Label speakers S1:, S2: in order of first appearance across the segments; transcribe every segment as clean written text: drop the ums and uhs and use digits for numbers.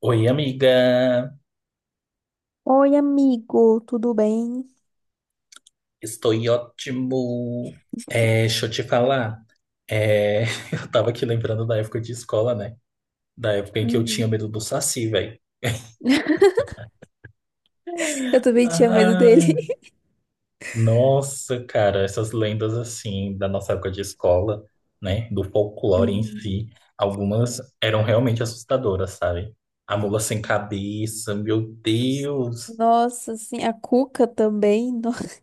S1: Oi, amiga.
S2: Oi, amigo, tudo bem?
S1: Estou ótimo. Deixa eu te falar. É, eu tava aqui lembrando da época de escola, né? Da época em que eu tinha
S2: Uhum.
S1: medo do Saci, velho.
S2: Eu também tinha medo dele.
S1: Ah, nossa, cara, essas lendas assim da nossa época de escola, né? Do folclore em
S2: Uhum.
S1: si, algumas eram realmente assustadoras, sabe? A mula sem cabeça, meu Deus.
S2: Nossa, assim, a Cuca também.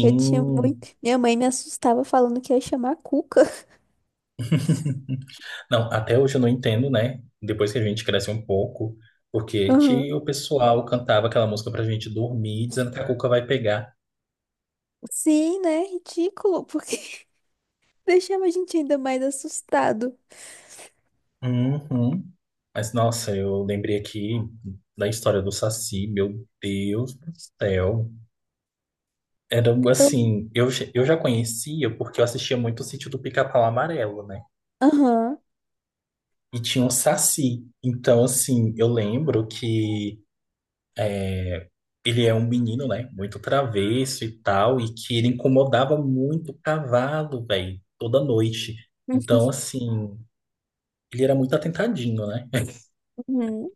S2: Eu tinha muito. Minha mãe me assustava falando que ia chamar a Cuca.
S1: Não, até hoje eu não entendo, né? Depois que a gente cresce um pouco, porque
S2: Uhum.
S1: que o pessoal cantava aquela música pra gente dormir, dizendo que a cuca vai pegar.
S2: Sim, né? Ridículo, porque deixava a gente ainda mais assustado.
S1: Uhum. Mas, nossa, eu lembrei aqui da história do Saci, meu Deus do céu. Era
S2: Eu...
S1: assim, eu já conhecia porque eu assistia muito o Sítio do Pica-Pau Amarelo, né?
S2: Aham.
S1: E tinha um Saci. Então, assim, eu lembro que é, ele é um menino, né? Muito travesso e tal, e que ele incomodava muito o cavalo, velho, toda noite. Então, assim, ele era muito atentadinho, né?
S2: Uhum.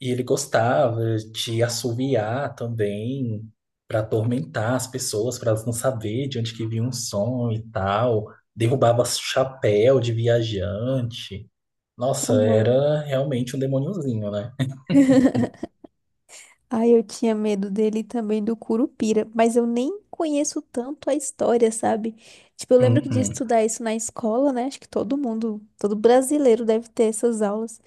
S1: E ele gostava de assoviar também, para atormentar as pessoas, para elas não saber de onde que vinha um som e tal. Derrubava chapéu de viajante. Nossa,
S2: Uhum.
S1: era realmente um demôniozinho, né?
S2: Uhum. Ai, eu tinha medo dele e também do Curupira, mas eu nem conheço tanto a história, sabe? Tipo, eu lembro que de
S1: Uhum,
S2: estudar isso na escola, né? Acho que todo mundo, todo brasileiro deve ter essas aulas.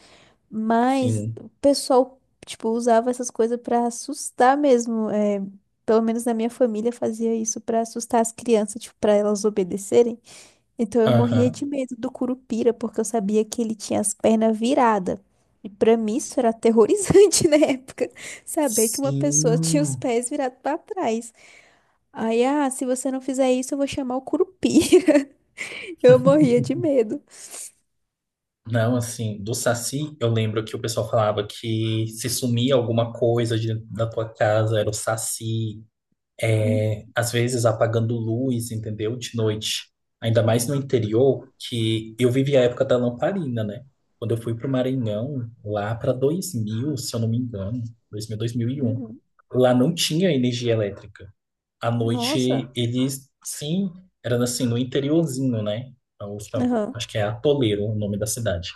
S2: Mas
S1: sim.
S2: o pessoal, tipo, usava essas coisas pra assustar mesmo. Pelo menos na minha família fazia isso pra assustar as crianças, tipo, para elas obedecerem. Então eu morria de
S1: Aham.
S2: medo do Curupira, porque eu sabia que ele tinha as pernas viradas. E pra mim isso era aterrorizante na época, saber que uma pessoa tinha os
S1: Sim.
S2: pés virados pra trás. Aí, ah, se você não fizer isso, eu vou chamar o Curupira. Eu morria de medo.
S1: Não, assim, do Saci, eu lembro que o pessoal falava que se sumia alguma coisa de- da tua casa, era o Saci,
S2: Uhum,
S1: é, às vezes apagando luz, entendeu? De noite. Ainda mais no interior, que eu vivi a época da lamparina, né? Quando eu fui para o Maranhão, lá para 2000, se eu não me engano, 2000, 2001,
S2: uhum.
S1: lá não tinha energia elétrica. À noite,
S2: Nossa.
S1: eles, sim, era assim, no interiorzinho, né? Então,
S2: Aham.
S1: acho que é Atoleiro o nome da cidade.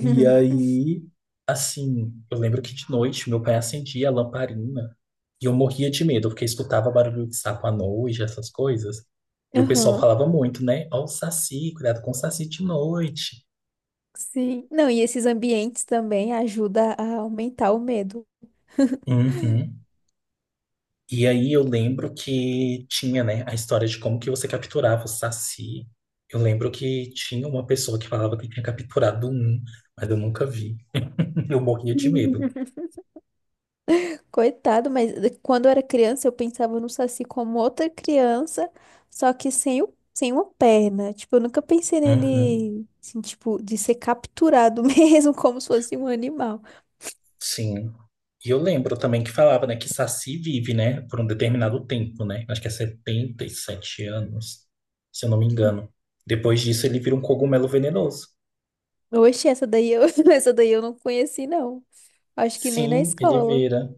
S1: E aí, assim, eu lembro que de noite meu pai acendia a lamparina e eu morria de medo, porque eu escutava barulho de sapo à noite, essas coisas. E o pessoal
S2: Aham.
S1: falava muito, né? Ó, o saci, cuidado com o saci de noite.
S2: Sim. Não, e esses ambientes também ajudam a aumentar o medo.
S1: Uhum. E aí eu lembro que tinha, né, a história de como que você capturava o saci. Eu lembro que tinha uma pessoa que falava que tinha capturado um, mas eu nunca vi. Eu morria de medo.
S2: Coitado, mas quando eu era criança eu pensava no Saci como outra criança, só que sem uma perna. Tipo, eu nunca pensei
S1: Uhum.
S2: nele, assim, tipo, de ser capturado mesmo, como se fosse um animal.
S1: Sim. E eu lembro também que falava, né, que Saci vive, né, por um determinado tempo, né? Acho que é 77 anos, se eu não me engano. Depois disso, ele vira um cogumelo venenoso.
S2: Oxe, essa daí eu não conheci, não. Acho que nem na
S1: Sim, ele
S2: escola.
S1: vira.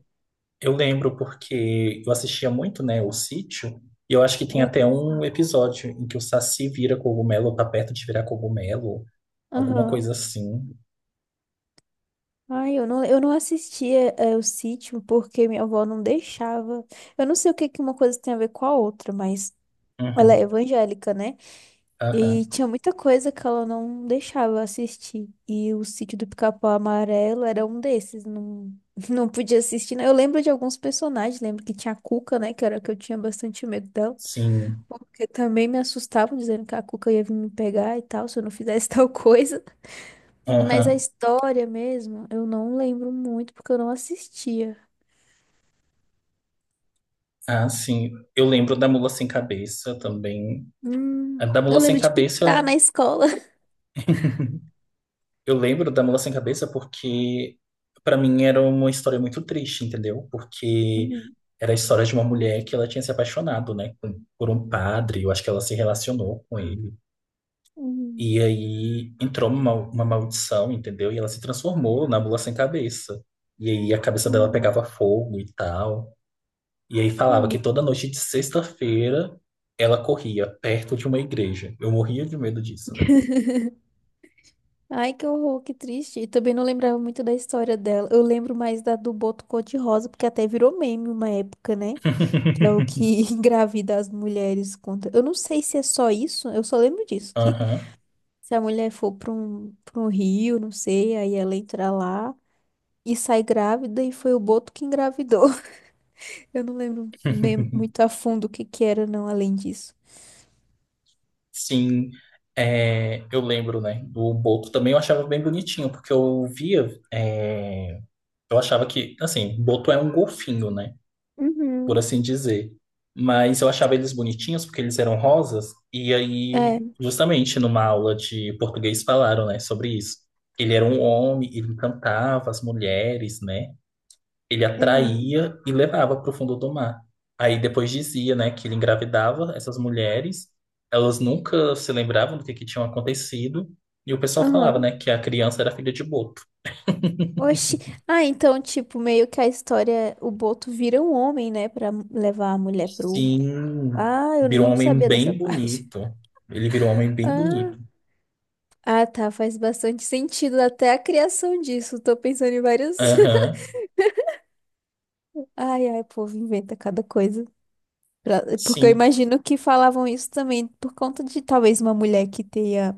S1: Eu lembro porque eu assistia muito, né, O Sítio, e eu acho que tem
S2: Eu-
S1: até um episódio em que o Saci vira cogumelo, ou tá perto de virar cogumelo, alguma
S2: Aham.
S1: coisa assim.
S2: Ai, eu não assistia, o sítio porque minha avó não deixava. Eu não sei o que que uma coisa tem a ver com a outra, mas ela é
S1: Uhum,
S2: evangélica, né? E
S1: aham,
S2: tinha muita coisa que ela não deixava eu assistir. E o Sítio do Pica-Pau Amarelo era um desses. Não, não podia assistir. Né? Eu lembro de alguns personagens. Lembro que tinha a Cuca, né? Que era que eu tinha bastante medo dela.
S1: sim,
S2: Porque também me assustavam dizendo que a Cuca ia vir me pegar e tal, se eu não fizesse tal coisa. Mas a
S1: aham.
S2: história mesmo, eu não lembro muito porque eu não assistia.
S1: Ah, sim. Eu lembro da Mula Sem Cabeça também. A da
S2: Eu
S1: Mula Sem
S2: lembro de pintar
S1: Cabeça,
S2: na escola.
S1: eu lembro da Mula Sem Cabeça porque, pra mim, era uma história muito triste, entendeu? Porque era a história de uma mulher que ela tinha se apaixonado, né, com- por um padre. Eu acho que ela se relacionou com ele.
S2: Uhum, uhum,
S1: E aí entrou uma maldição, entendeu? E ela se transformou na Mula Sem Cabeça. E aí a cabeça dela
S2: uhum.
S1: pegava fogo e tal. E aí
S2: Que
S1: falava que
S2: horror.
S1: toda noite de sexta-feira ela corria perto de uma igreja. Eu morria de medo disso, velho.
S2: Ai, que horror, que triste. E também não lembrava muito da história dela. Eu lembro mais da do boto cor-de-rosa, porque até virou meme uma época, né? Que é o que engravida as mulheres contra. Eu não sei se é só isso, eu só lembro disso, que
S1: Aham.
S2: se a mulher for para um rio, não sei, aí ela entra lá e sai grávida e foi o boto que engravidou. Eu não lembro muito a fundo o que que era, não, além disso.
S1: Sim, é, eu lembro, né, do Boto também eu achava bem bonitinho, porque eu via, é, eu achava que, assim, Boto é um golfinho, né, por
S2: Uhum,
S1: assim dizer, mas eu achava eles bonitinhos porque eles eram rosas, e
S2: é.
S1: aí, justamente numa aula de português falaram, né, sobre isso. Ele era um homem, ele encantava as mulheres, né, ele
S2: Uhum.
S1: atraía e levava para o fundo do mar. Aí depois dizia, né, que ele engravidava essas mulheres, elas nunca se lembravam que tinha acontecido, e o pessoal falava,
S2: Aham.
S1: né, que a criança era filha de Boto.
S2: Oxi. Ah, então, tipo, meio que a história, o Boto vira um homem, né, pra levar a mulher pro.
S1: Sim,
S2: Ah, eu
S1: virou um
S2: não
S1: homem
S2: sabia dessa
S1: bem
S2: parte.
S1: bonito. Ele virou um homem bem
S2: Ah,
S1: bonito.
S2: ah, tá, faz bastante sentido até a criação disso. Tô pensando em vários.
S1: Aham,
S2: Ai, ai, o povo inventa cada coisa. Porque eu
S1: sim,
S2: imagino que falavam isso também por conta de talvez uma mulher que tenha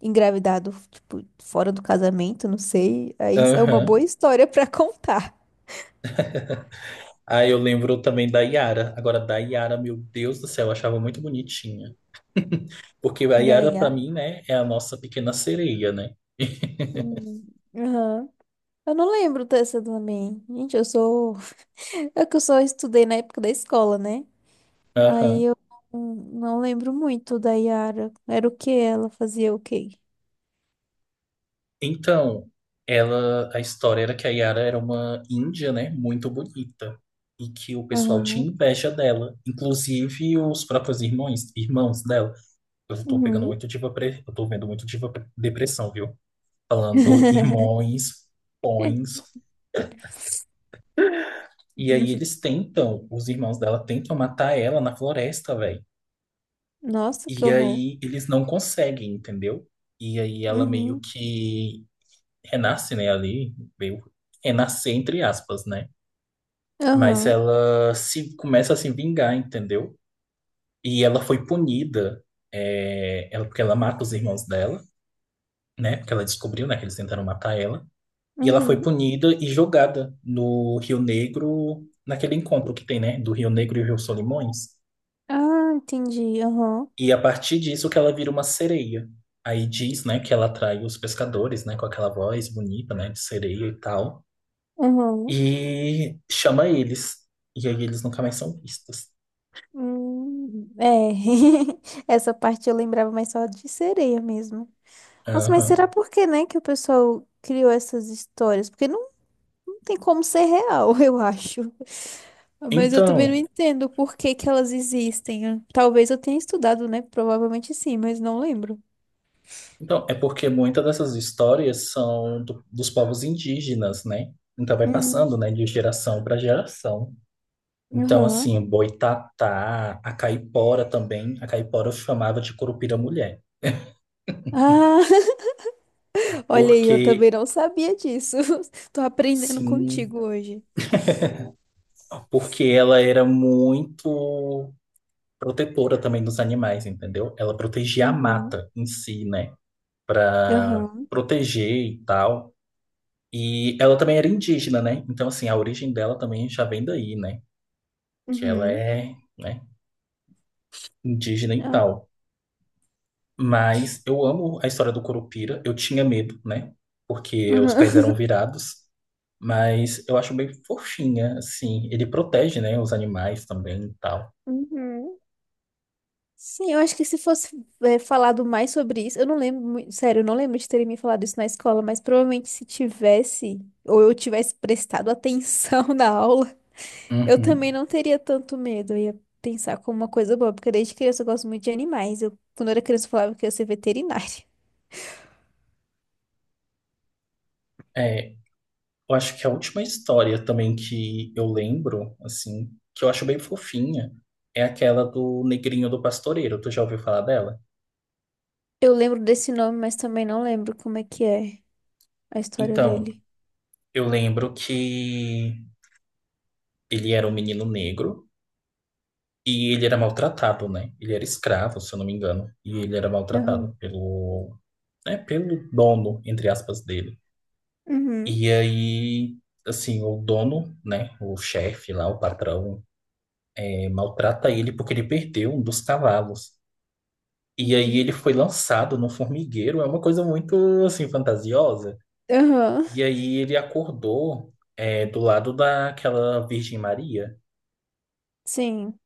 S2: engravidado, tipo, fora do casamento, não sei. Aí é uma boa
S1: aham.
S2: história pra contar.
S1: Aí eu lembro também da Yara. Agora, da Yara, meu Deus do céu, eu achava muito bonitinha. Porque a Yara,
S2: Daí,
S1: pra
S2: ah,
S1: mim, né, é a nossa pequena sereia, né?
S2: hum, aham. Eu não lembro dessa também. Gente, eu sou. É que eu só estudei na época da escola, né? Aí
S1: Aham.
S2: eu não lembro muito da Yara. Era o que ela fazia o quê?
S1: Então, ela, a história era que a Yara era uma índia, né, muito bonita, e que o pessoal tinha
S2: Aham.
S1: inveja dela, inclusive os próprios irmãos, irmãos dela. Eu tô pegando
S2: Uhum.
S1: eu tô vendo muito diva pre- depressão, viu? Falando irmãos, pões. E aí eles tentam, os irmãos dela tentam matar ela na floresta, velho.
S2: Nossa, que
S1: E
S2: horror.
S1: aí eles não conseguem, entendeu? E aí ela meio
S2: Uhum.
S1: que renasce, né, ali, meio renascer entre aspas, né? Mas
S2: Aham.
S1: ela se começa a se vingar, entendeu? E ela foi punida, é, ela, porque ela mata os irmãos dela, né? Porque ela descobriu, né, que eles tentaram matar ela. E ela foi
S2: Uhum.
S1: punida e jogada no Rio Negro, naquele encontro que tem, né? Do Rio Negro e o Rio Solimões.
S2: Ah, entendi. Aham.
S1: E a partir disso que ela vira uma sereia. Aí diz, né, que ela atrai os pescadores, né, com aquela voz bonita, né, de sereia e tal.
S2: Aham.
S1: E chama eles. E aí eles nunca mais são vistos.
S2: É. Essa parte eu lembrava mais só de sereia mesmo. Nossa, mas
S1: Aham.
S2: será por que, né, que o pessoal criou essas histórias? Porque não tem como ser real, eu acho. Mas eu também não
S1: Então,
S2: entendo por que que elas existem. Talvez eu tenha estudado, né? Provavelmente sim, mas não lembro.
S1: Então, é porque muitas dessas histórias são dos povos indígenas, né? Então vai
S2: Hum,
S1: passando, né, de geração para geração. Então,
S2: aham.
S1: assim, o Boitatá, a caipora também, a caipora eu chamava de Curupira Mulher,
S2: Ah, olha aí, eu também
S1: porque
S2: não sabia disso. Tô aprendendo
S1: sim,
S2: contigo hoje.
S1: porque ela era muito protetora também dos animais, entendeu? Ela protegia a
S2: Uhum.
S1: mata em si, né, para
S2: Aham.
S1: proteger e tal. E ela também era indígena, né? Então, assim, a origem dela também já vem daí, né? Que ela
S2: Uhum.
S1: é, né, indígena e
S2: Ah,
S1: tal. Mas eu amo a história do Curupira. Eu tinha medo, né? Porque os pés eram
S2: aham.
S1: virados. Mas eu acho bem fofinha, assim. Ele protege, né, os animais também e tal.
S2: Uhum. Sim, eu acho que se fosse falado mais sobre isso, eu não lembro, sério, eu não lembro de terem me falado isso na escola, mas provavelmente se tivesse, ou eu tivesse prestado atenção na aula, eu
S1: Uhum.
S2: também não teria tanto medo. Eu ia pensar como uma coisa boa, porque desde criança eu gosto muito de animais. Eu, quando eu era criança, eu falava que eu ia ser veterinária.
S1: É, eu acho que a última história também que eu lembro, assim, que eu acho bem fofinha, é aquela do Negrinho do Pastoreiro. Tu já ouviu falar dela?
S2: Eu lembro desse nome, mas também não lembro como é que é a história
S1: Então,
S2: dele.
S1: eu lembro que ele era um menino negro. E ele era maltratado, né? Ele era escravo, se eu não me engano. E ele era maltratado
S2: Aham.
S1: pelo, né, pelo dono, entre aspas, dele.
S2: Uhum.
S1: E aí, assim, o dono, né? O chefe lá, o patrão, eh, maltrata ele porque ele perdeu um dos cavalos. E aí ele
S2: Uhum.
S1: foi lançado no formigueiro. É uma coisa muito, assim, fantasiosa.
S2: Aham.
S1: E aí ele acordou, eh, do lado daquela Virgem Maria.
S2: Sim.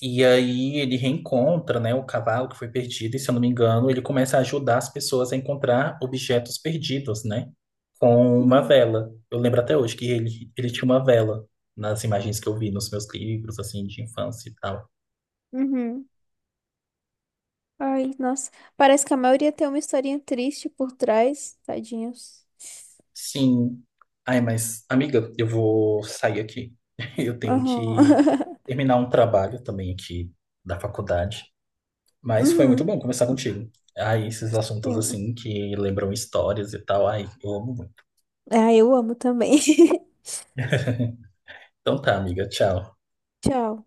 S1: E aí ele reencontra, né, o cavalo que foi perdido, e se eu não me engano, ele começa a ajudar as pessoas a encontrar objetos perdidos, né, com uma
S2: Uhum.
S1: vela. Eu lembro até hoje que ele tinha uma vela nas imagens que eu vi nos meus livros, assim, de infância e tal.
S2: Uhum. Ai, nossa. Parece que a maioria tem uma historinha triste por trás. Tadinhos.
S1: Sim. Ai, mas, amiga, eu vou sair aqui. Eu tenho
S2: Aham.
S1: que terminar um trabalho também aqui da faculdade. Mas foi muito
S2: Uhum.
S1: bom conversar contigo. Ai, esses assuntos,
S2: Sim.
S1: assim, que lembram histórias e tal. Ai, eu amo muito.
S2: Ah, eu amo também.
S1: Então tá, amiga. Tchau.
S2: Tchau.